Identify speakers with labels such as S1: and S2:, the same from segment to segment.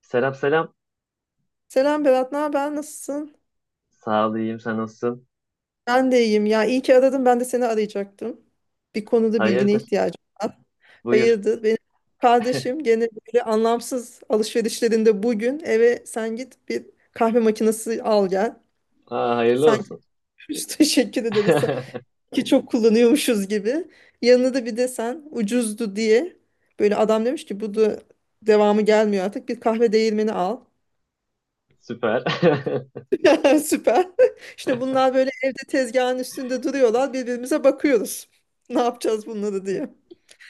S1: Selam selam.
S2: Selam Berat, ne haber? Nasılsın?
S1: Sağ ol, iyiyim. Sen nasılsın?
S2: Ben de iyiyim. Ya iyi ki aradın. Ben de seni arayacaktım. Bir konuda bilgine
S1: Hayırdır?
S2: ihtiyacım var.
S1: Buyur.
S2: Hayırdır? Benim kardeşim gene böyle anlamsız alışverişlerinde bugün eve sen git bir kahve makinesi al gel.
S1: Aa, hayırlı
S2: Sanki
S1: olsun.
S2: üç teşekkür ederiz ki çok kullanıyormuşuz gibi. Yanına da bir de sen ucuzdu diye böyle adam demiş ki bu da devamı gelmiyor artık bir kahve değirmeni al.
S1: Süper.
S2: Süper. Şimdi bunlar böyle evde tezgahın üstünde duruyorlar. Birbirimize bakıyoruz. Ne yapacağız bunları diye.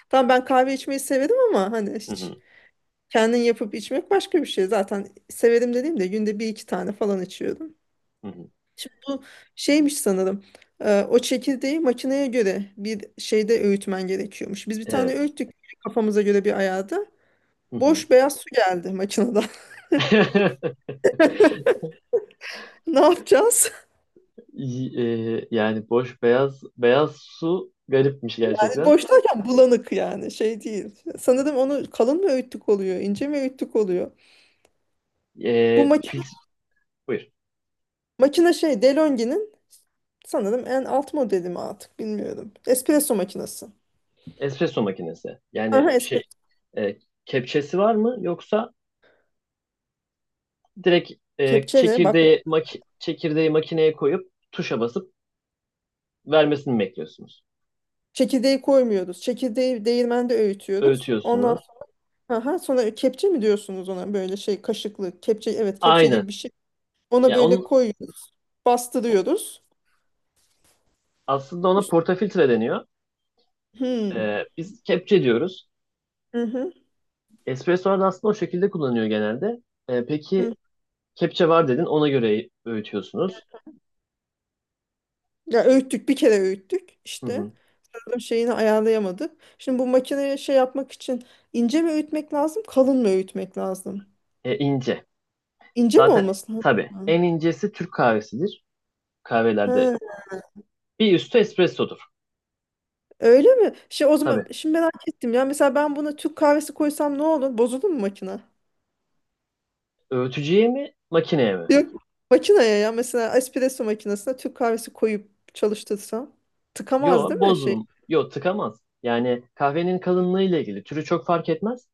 S2: Tamam ben kahve içmeyi severim ama hani
S1: Hı
S2: hiç
S1: hı,
S2: kendin yapıp içmek başka bir şey. Zaten severim dediğim de günde bir iki tane falan içiyorum.
S1: hı hı.
S2: Şimdi bu şeymiş sanırım. O çekirdeği makineye göre bir şeyde öğütmen gerekiyormuş. Biz bir tane
S1: Evet.
S2: öğüttük kafamıza göre bir ayarda.
S1: Hı hı.
S2: Boş beyaz su geldi makineden. Ne yapacağız?
S1: Y- yani boş beyaz beyaz su garipmiş gerçekten.
S2: Boşlarken bulanık, yani şey değil. Sanırım onu kalın mı öğüttük oluyor, ince mi öğüttük oluyor. Bu
S1: E,
S2: makine,
S1: fil, Buyur.
S2: makine şey DeLonghi'nin sanırım en alt modeli mi, artık bilmiyorum. Espresso makinesi.
S1: Espresso makinesi. Yani
S2: Aha,
S1: şey,
S2: espresso.
S1: e, kepçesi var mı, yoksa direkt
S2: Kepçe ne? Bak,
S1: çekirdeği makineye koyup tuşa basıp vermesini mi bekliyorsunuz?
S2: çekirdeği koymuyoruz. Çekirdeği değirmende öğütüyoruz. Ondan
S1: Öğütüyorsunuz.
S2: aha, sonra kepçe mi diyorsunuz ona, böyle şey kaşıklı kepçe, evet kepçe
S1: Aynen.
S2: gibi bir şey. Ona
S1: Ya,
S2: böyle
S1: onun
S2: koyuyoruz. Bastırıyoruz.
S1: aslında ona
S2: Üst-
S1: portafiltre deniyor.
S2: Hmm.
S1: Biz kepçe diyoruz.
S2: Hı hı.
S1: Espresso'lar da aslında o şekilde kullanıyor genelde.
S2: Hı.
S1: Peki, kepçe var dedin, ona göre öğütüyorsunuz.
S2: Ya öğüttük, bir kere öğüttük
S1: Hı
S2: işte.
S1: hı.
S2: Tam şeyini ayarlayamadık. Şimdi bu makineye şey yapmak için ince mi öğütmek lazım, kalın mı öğütmek lazım?
S1: İnce.
S2: İnce mi
S1: Zaten
S2: olması
S1: tabii
S2: lazım?
S1: en incesi Türk kahvesidir.
S2: Ha,
S1: Kahvelerde bir üstü espressodur.
S2: öyle mi? Şey, o zaman
S1: Tabii.
S2: şimdi merak ettim ya. Mesela ben buna Türk kahvesi koysam ne olur? Bozulur mu makine?
S1: Öğütücüye mi, makineye mi?
S2: Yok. Makineye, ya mesela espresso makinesine Türk kahvesi koyup çalıştırsam tıkamaz
S1: Yo,
S2: değil mi şey?
S1: bozulum. Yo, tıkamaz. Yani kahvenin kalınlığı ile ilgili türü çok fark etmez.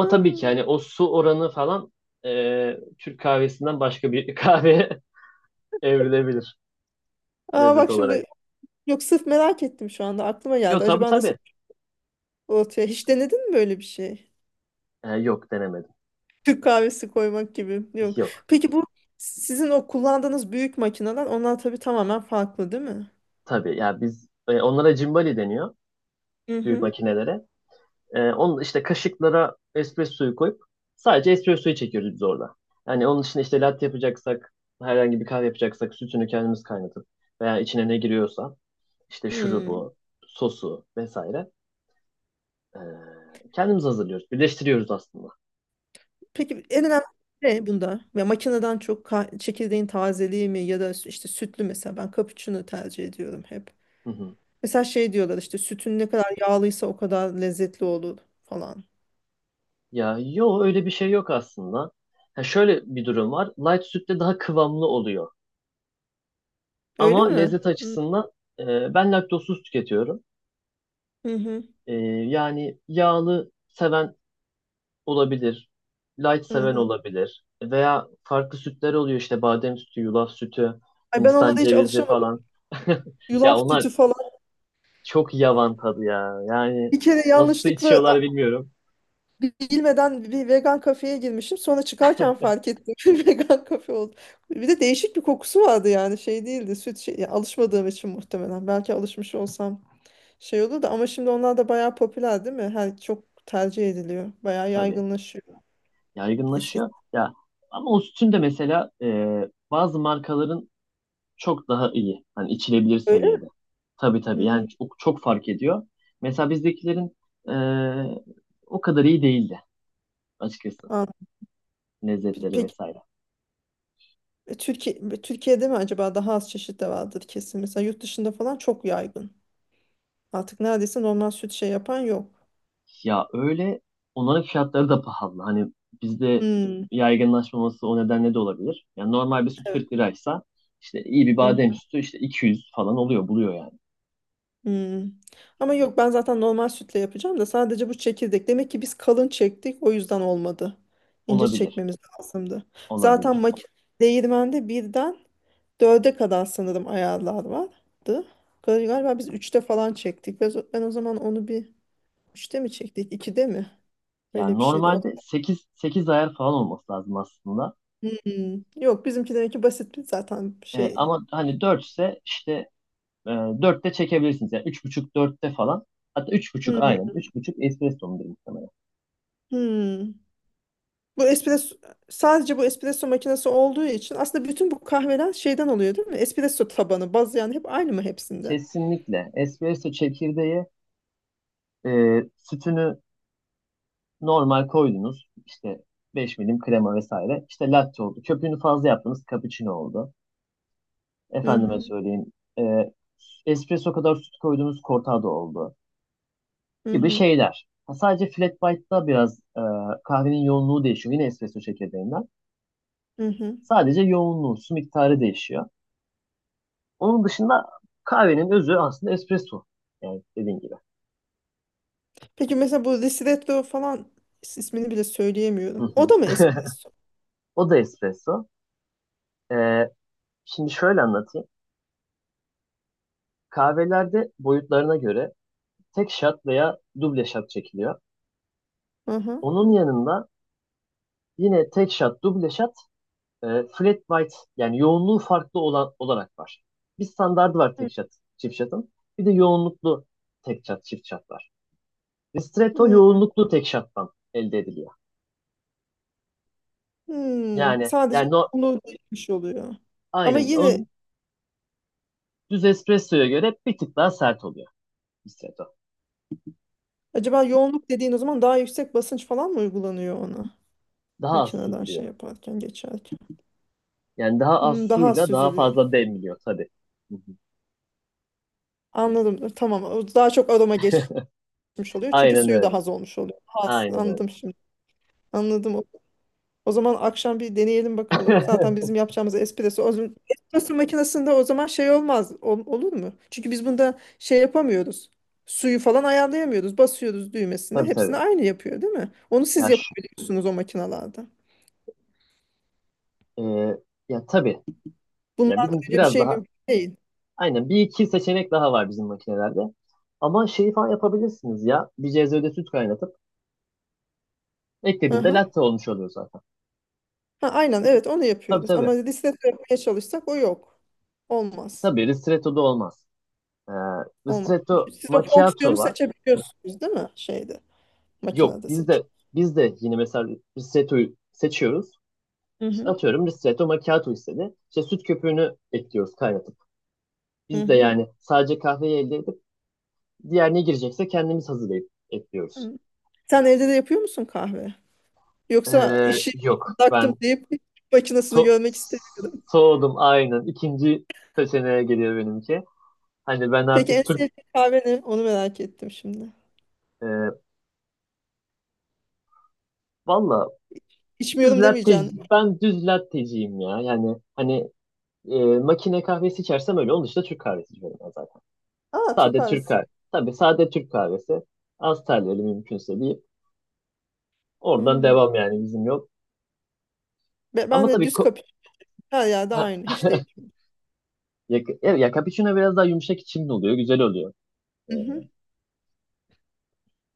S2: Ha.
S1: tabii ki yani o su oranı falan, Türk kahvesinden başka bir kahve evrilebilir
S2: Aa
S1: lezzet
S2: bak
S1: olarak.
S2: şimdi, yok sırf merak ettim, şu anda aklıma geldi.
S1: Yok, tabii
S2: Acaba nasıl
S1: tabii.
S2: ortaya, hiç denedin mi böyle bir şey?
S1: Yok, denemedim.
S2: Türk kahvesi koymak gibi. Yok.
S1: Yok.
S2: Peki bu sizin o kullandığınız büyük makineler, onlar tabii tamamen farklı değil mi?
S1: Tabii, ya biz, onlara cimbali deniyor
S2: Hı
S1: büyük
S2: hı.
S1: makinelere. Onun işte kaşıklara espressoyu koyup sadece espressoyu çekiyoruz biz orada. Yani onun için işte latte yapacaksak, herhangi bir kahve yapacaksak sütünü kendimiz kaynatıp veya içine ne giriyorsa işte
S2: Hmm.
S1: şurubu, sosu vesaire e, kendimiz hazırlıyoruz. Birleştiriyoruz aslında.
S2: Peki en önemli ne bunda? Ya makineden çok çekirdeğin tazeliği mi, ya da işte sütlü, mesela ben cappuccino tercih ediyorum hep.
S1: Hı hı.
S2: Mesela şey diyorlar işte, sütün ne kadar yağlıysa o kadar lezzetli olur falan.
S1: Ya yo, öyle bir şey yok aslında. Ha, şöyle bir durum var. Light sütte daha kıvamlı oluyor.
S2: Öyle
S1: Ama
S2: mi?
S1: lezzet
S2: Hı
S1: açısından ben laktozsuz tüketiyorum.
S2: hı.
S1: E, Yani yağlı seven olabilir. Light
S2: Hı
S1: seven
S2: hı.
S1: olabilir. Veya farklı sütler oluyor, işte badem sütü, yulaf sütü,
S2: Ay, ben
S1: Hindistan
S2: onlara hiç
S1: cevizi
S2: alışamadım.
S1: falan. Ya
S2: Yulaf
S1: onlar
S2: sütü falan.
S1: çok yavan tadı ya. Yani
S2: Bir kere
S1: nasıl içiyorlar
S2: yanlışlıkla
S1: bilmiyorum.
S2: bilmeden bir vegan kafeye girmişim. Sonra çıkarken fark ettim. Bir vegan kafe oldu. Bir de değişik bir kokusu vardı yani. Şey değildi. Süt şey, ya alışmadığım için muhtemelen. Belki alışmış olsam şey olur da. Ama şimdi onlar da bayağı popüler değil mi? Her çok tercih ediliyor. Bayağı
S1: Tabii,
S2: yaygınlaşıyor.
S1: yaygınlaşıyor.
S2: Eskisi
S1: Ya ama o sütün de mesela bazı markaların çok daha iyi. Hani içilebilir
S2: öyle mi?
S1: seviyede. Tabii tabii.
S2: Hmm,
S1: Yani çok, çok fark ediyor. Mesela bizdekilerin eee, o kadar iyi değildi açıkçası.
S2: anladım. Pe-
S1: Lezzetleri
S2: Peki
S1: vesaire.
S2: Türkiye'de mi acaba daha az çeşit de vardır kesin. Mesela yurt dışında falan çok yaygın. Artık neredeyse normal süt şey yapan yok.
S1: Ya öyle, onların fiyatları da pahalı. Hani bizde
S2: Hmm.
S1: yaygınlaşmaması o nedenle de olabilir. Yani normal bir süt
S2: Evet.
S1: 40 liraysa işte iyi bir
S2: Hı.
S1: badem sütü işte 200 falan oluyor, buluyor yani.
S2: Hmm. Ama yok, ben zaten normal sütle yapacağım da sadece bu çekirdek. Demek ki biz kalın çektik, o yüzden olmadı. İnce
S1: Olabilir,
S2: çekmemiz lazımdı. Zaten
S1: olabilir.
S2: makine değirmende birden dörde kadar sanırım ayarlar vardı. Galiba biz üçte falan çektik. Ben o zaman onu bir üçte mi çektik, ikide mi? Öyle
S1: Yani
S2: bir şeydi. O...
S1: normalde 8 ayar falan olması lazım aslında.
S2: Hmm. Yok bizimki demek ki basit bir zaten şey.
S1: Ama hani 4 ise işte, E, 4'te çekebilirsiniz. Yani 3,5 dörtte falan. Hatta 3,5 aynen.
S2: Hmm.
S1: 3,5 espresso'mudur muhtemelen.
S2: Hmm. Bu espresso Sadece bu espresso makinesi olduğu için aslında bütün bu kahveler şeyden oluyor değil mi? Espresso tabanı, baz yani hep aynı mı hepsinde?
S1: Kesinlikle espresso çekirdeği, e, sütünü normal koydunuz. İşte 5 milim krema vesaire. İşte latte oldu. Köpüğünü fazla yaptınız. Cappuccino oldu.
S2: Hı
S1: Efendime
S2: hı,
S1: söyleyeyim. E, Espresso kadar süt koydunuz. Cortado oldu.
S2: hı
S1: Gibi
S2: hı,
S1: şeyler. Ha, sadece flat white'da biraz kahvenin yoğunluğu değişiyor. Yine espresso çekirdeğinden.
S2: hı hı.
S1: Sadece yoğunluğu, su miktarı değişiyor. Onun dışında kahvenin özü aslında espresso. Yani dediğin gibi.
S2: Peki mesela bu ristretto falan, ismini bile
S1: Hı
S2: söyleyemiyorum. O
S1: hı.
S2: da mı espresso?
S1: O da espresso. Ee, Şimdi şöyle anlatayım. Kahvelerde boyutlarına göre tek shot veya duble shot çekiliyor.
S2: Hı hı.
S1: Onun yanında yine tek shot, duble shot, e, flat white, yani yoğunluğu farklı olan olarak var. Bir standardı var
S2: Hı
S1: tek shot, çift shot'ın. Bir de yoğunluklu tek shot, çift shot var. Ristretto
S2: hı.
S1: yoğunluklu tek shot'tan elde ediliyor.
S2: Hmm,
S1: Yani
S2: sadece
S1: yani no,
S2: yoğunluğu değişmiş oluyor. Ama
S1: aynen.
S2: yine
S1: Onun, düz espressoya göre bir tık daha sert oluyor ristretto.
S2: acaba yoğunluk dediğin, o zaman daha yüksek basınç falan mı uygulanıyor ona?
S1: Daha az su
S2: Makineden
S1: giriyor.
S2: şey yaparken, geçerken.
S1: Yani daha az
S2: Hmm, daha az
S1: suyla daha
S2: süzülüyor.
S1: fazla demliyor tabii. Hı hı.
S2: Anladım. Tamam. O daha çok aroma gitmiş oluyor. Çünkü
S1: Aynen
S2: suyu
S1: öyle.
S2: daha az olmuş oluyor. Az,
S1: Aynen öyle.
S2: anladım şimdi. Anladım. O zaman akşam bir deneyelim bakalım. Zaten bizim yapacağımız espresso. O zaman espresso makinesinde o zaman şey olmaz. Olur mu? Çünkü biz bunda şey yapamıyoruz. Suyu falan ayarlayamıyoruz. Basıyoruz düğmesine.
S1: Tabii tabii.
S2: Hepsini aynı yapıyor, değil mi? Onu siz
S1: Ya,
S2: yapabiliyorsunuz o makinalarda.
S1: e, tabii. Ya
S2: Bunlarda
S1: bizimki
S2: öyle bir
S1: biraz
S2: şey
S1: daha,
S2: mümkün değil.
S1: aynen, bir iki seçenek daha var bizim makinelerde. Ama şeyi falan yapabilirsiniz ya. Bir cezvede süt kaynatıp
S2: Hı
S1: eklediğinde
S2: hı.
S1: latte olmuş oluyor zaten.
S2: Ha, aynen evet, onu
S1: Tabii
S2: yapıyoruz.
S1: tabii.
S2: Ama listede yapmaya çalışsak o yok. Olmaz.
S1: Tabii ristretto da olmaz. Ee,
S2: Olmaz.
S1: Ristretto
S2: Çünkü siz o fonksiyonu
S1: macchiato var.
S2: seçebiliyorsunuz değil mi? Şeyde,
S1: Yok,
S2: makinede
S1: biz
S2: seç.
S1: de biz de yine mesela Ristreto'yu seçiyoruz.
S2: Hı
S1: İşte
S2: hı.
S1: atıyorum, Ristretto Macchiato istedi. İşte süt köpüğünü ekliyoruz, kaynatıp.
S2: Hı
S1: Biz de
S2: hı.
S1: yani sadece kahveyi elde edip diğer ne girecekse kendimiz hazırlayıp ekliyoruz.
S2: Hı. Sen evde de yapıyor musun kahve? Yoksa işi
S1: Yok, ben
S2: bıraktım deyip makinesini
S1: so
S2: görmek istemiyorum.
S1: soğudum aynen. İkinci seçeneğe geliyor benimki. Hani ben
S2: Peki en
S1: artık Türk,
S2: sevdiğin kahve ne? Onu merak ettim şimdi.
S1: e, valla, düz
S2: İçmiyorum
S1: latte,
S2: demeyeceksin değil mi?
S1: ben düz latteciyim ya. Yani hani, makine kahvesi içersem öyle. Onun dışında Türk kahvesi içiyorum ben.
S2: Aa, Türk
S1: Sade Türk
S2: kahvesi.
S1: kahvesi. Tabii, sade Türk kahvesi. Az terliyeli mümkünse, deyip oradan
S2: Hmm.
S1: devam, yani bizim yok.
S2: Ben
S1: Ama
S2: de
S1: tabii,
S2: düz kapıyorum. Her yerde
S1: ha,
S2: aynı. Hiç değil.
S1: ya, ya cappuccino biraz daha yumuşak içimli oluyor. Güzel oluyor. Ee,
S2: Hı hı.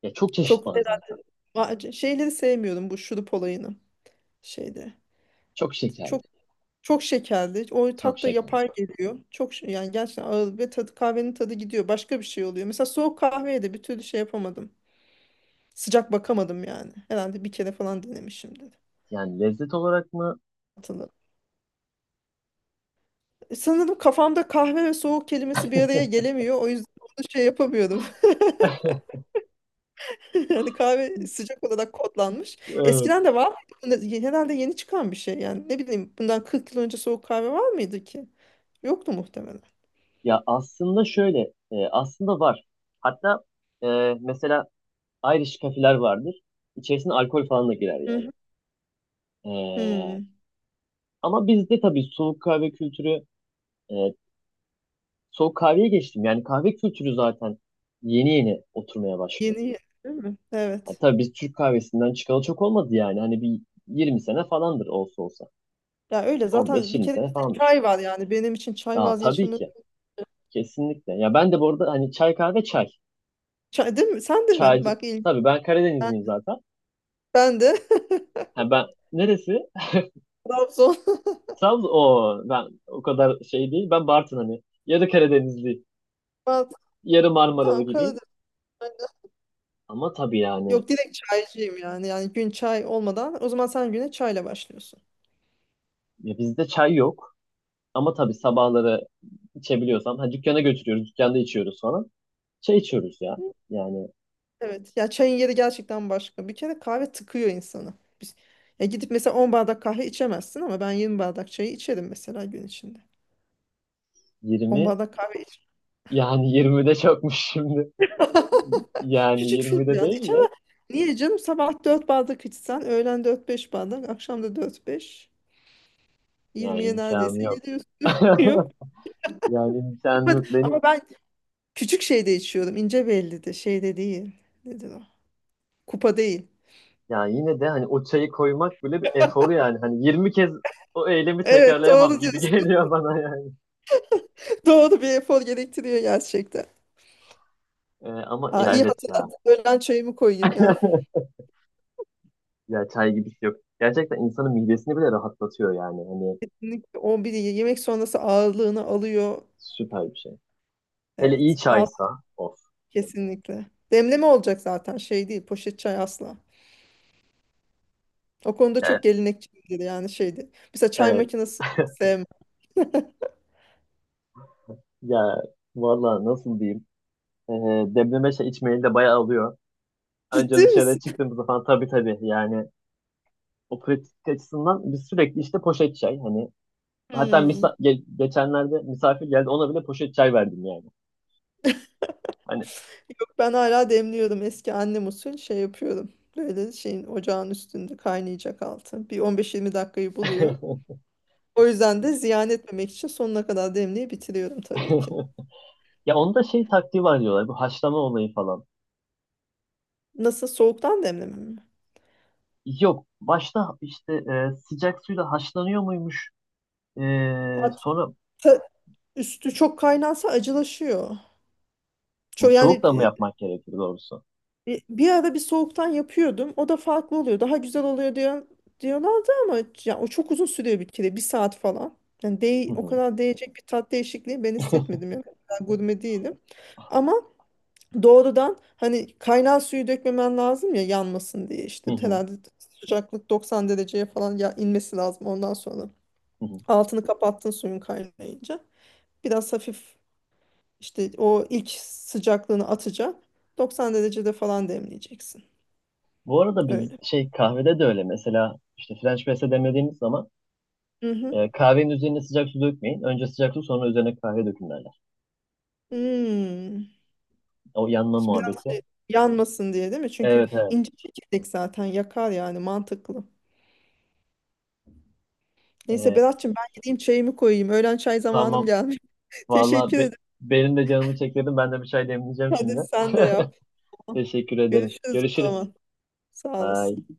S1: Ya, çok çeşit
S2: Çok.
S1: var zaten.
S2: Aa, şeyleri sevmiyorum, bu şurup olayını şeyde.
S1: Çok şekerli.
S2: Çok, çok şekerli. O
S1: Çok
S2: tat da
S1: şekerli.
S2: yapay geliyor. Çok yani gerçekten ağır ve kahvenin tadı gidiyor. Başka bir şey oluyor. Mesela soğuk kahveye de bir türlü şey yapamadım. Sıcak bakamadım yani. Herhalde bir kere falan denemişimdir.
S1: Yani lezzet olarak mı?
S2: Hatırladım. Sanırım kafamda kahve ve soğuk kelimesi bir araya gelemiyor. O yüzden onu şey yapamıyorum. Yani kahve sıcak olarak kodlanmış.
S1: Evet.
S2: Eskiden de var mıydı? Herhalde yeni çıkan bir şey. Yani ne bileyim, bundan 40 yıl önce soğuk kahve var mıydı ki? Yoktu muhtemelen.
S1: Ya, aslında şöyle. Aslında var. Hatta e, mesela Irish kafeler vardır. İçerisine alkol falan da girer
S2: Hı
S1: yani.
S2: hı.
S1: Ee,
S2: Hmm.
S1: Ama bizde tabii soğuk kahve kültürü, e, soğuk kahveye geçtim. Yani kahve kültürü zaten yeni yeni oturmaya başlıyor.
S2: Yeni yeni değil mi?
S1: Ha,
S2: Evet.
S1: tabii biz Türk kahvesinden çıkalı çok olmadı yani. Hani bir 20 sene falandır olsa olsa.
S2: Ya öyle zaten, bir
S1: 15-20
S2: kere
S1: sene
S2: bizde
S1: falandır.
S2: çay var yani, benim için çay
S1: Aa, tabii
S2: vazgeçilmez.
S1: ki. Kesinlikle. Ya ben de bu arada hani çay, kahve, çay.
S2: Çay değil mi? Sen de mi?
S1: Çaycı.
S2: Bak, ilginç.
S1: Tabii ben Karadenizliyim zaten.
S2: Ben de.
S1: Ha, ben, neresi?
S2: Trabzon.
S1: Trabzon. O ben o kadar şey değil. Ben Bartın, hani. Yarı Karadenizli,
S2: Mantı.
S1: yarı Marmaralı
S2: Tamam,
S1: gibi.
S2: Karadeniz.
S1: Ama tabii yani,
S2: Yok, direkt çaycıyım yani. Yani gün çay olmadan, o zaman sen güne çayla başlıyorsun.
S1: ya bizde çay yok. Ama tabii sabahları içebiliyorsam. Ha, dükkana götürüyoruz. Dükkanda içiyoruz falan. Şey içiyoruz ya. Yani
S2: Evet. Ya çayın yeri gerçekten başka. Bir kere kahve tıkıyor insanı. Biz, ya gidip mesela 10 bardak kahve içemezsin, ama ben 20 bardak çayı içerim mesela gün içinde. On
S1: 20,
S2: bardak kahve içerim.
S1: yani 20 çokmuş şimdi. Yani
S2: Küçük
S1: 20
S2: fincan iç
S1: değil de,
S2: ama, niye canım, sabah 4 bardak içsen, öğlen dört beş bardak, akşam da dört beş,
S1: yani
S2: 20'ye
S1: imkanı
S2: neredeyse
S1: yok.
S2: gidiyorsun. Yok,
S1: Yani imkanı yok benim.
S2: ama ben küçük şeyde içiyorum, ince belli, de şeyde değil. Nedir o? Kupa değil.
S1: Yani yine de hani o çayı koymak bile bir efor yani. Hani 20 kez o eylemi
S2: Evet,
S1: tekrarlayamam
S2: doğru
S1: gibi
S2: diyorsun.
S1: geliyor bana yani.
S2: Doğru, bir efor gerektiriyor gerçekten.
S1: Ama
S2: Aa,
S1: ya,
S2: iyi
S1: evet ya.
S2: hatırlattın. Öğlen çayımı koyayım ya.
S1: Ya çay gibisi yok. Gerçekten insanın midesini bile rahatlatıyor yani. Hani
S2: Kesinlikle on biri yemek sonrası ağırlığını alıyor.
S1: süper bir şey. Hele iyi
S2: Evet, ağır
S1: çaysa, of.
S2: kesinlikle. Demleme olacak zaten, şey değil poşet çay, asla. O konuda
S1: Evet.
S2: çok gelenekçiydi yani, şeydi, mesela çay
S1: Evet.
S2: makinesi sevmem.
S1: Ya valla, nasıl diyeyim? Ee, Demleme şey içmeyi de bayağı alıyor.
S2: Ciddi
S1: Önce dışarıya
S2: misin?
S1: çıktığımızda falan tabii tabii, yani o pratik açısından biz sürekli işte poşet çay, hani, hatta
S2: Hmm.
S1: geçenlerde misafir geldi, ona bile poşet çay verdim yani. Hani,
S2: Yok, ben hala demliyorum. Eski annem usul şey yapıyorum. Böyle şeyin ocağın üstünde kaynayacak altı. Bir 15-20 dakikayı buluyor. O yüzden de ziyan etmemek için sonuna kadar demliği bitiriyorum tabii ki.
S1: ya, onda şey taktiği var diyorlar, bu haşlama olayı falan.
S2: Nasıl, soğuktan demlemem mi?
S1: Yok, başta işte, sıcak suyla haşlanıyor muymuş?
S2: Hatta
S1: Sonra
S2: üstü çok kaynansa acılaşıyor. Çok yani
S1: soğuk da mı yapmak gerekir doğrusu?
S2: Bir ara bir soğuktan yapıyordum. O da farklı oluyor. Daha güzel oluyor diyorlardı ama, ya, o çok uzun sürüyor bir kere. Bir saat falan. Yani
S1: Hı
S2: o
S1: hı.
S2: kadar değecek bir tat değişikliği ben hissetmedim. Yani ben gurme değilim. Ama doğrudan hani kaynar suyu dökmemen lazım ya, yanmasın diye
S1: Hı
S2: işte.
S1: hı.
S2: Herhalde sıcaklık 90 dereceye falan ya inmesi lazım ondan sonra.
S1: Hı hı.
S2: Altını kapattın suyun kaynayınca. Biraz hafif işte o ilk sıcaklığını atacak. 90 derecede falan demleyeceksin.
S1: Bu arada biz
S2: Öyle.
S1: şey, kahvede de öyle, mesela işte French press'e demlediğimiz zaman
S2: Mhm.
S1: kahvenin üzerine sıcak su dökmeyin. Önce sıcak su, sonra üzerine kahve dökün derler.
S2: Hmm.
S1: O yanma
S2: Biraz
S1: muhabbeti.
S2: şey, yanmasın diye değil mi? Çünkü
S1: Evet evet.
S2: ince çekirdek zaten yakar yani, mantıklı. Neyse
S1: E,
S2: Berat'cığım, ben gideyim çayımı koyayım. Öğlen çay zamanım
S1: tamam.
S2: gelmiş.
S1: Vallahi,
S2: Teşekkür ederim.
S1: benim de canımı çekledim. Ben de bir çay demleyeceğim
S2: Hadi
S1: şimdi.
S2: sen de yap. Tamam.
S1: Teşekkür ederim.
S2: Görüşürüz o
S1: Görüşürüz.
S2: zaman. Sağ
S1: Bye.
S2: olasın.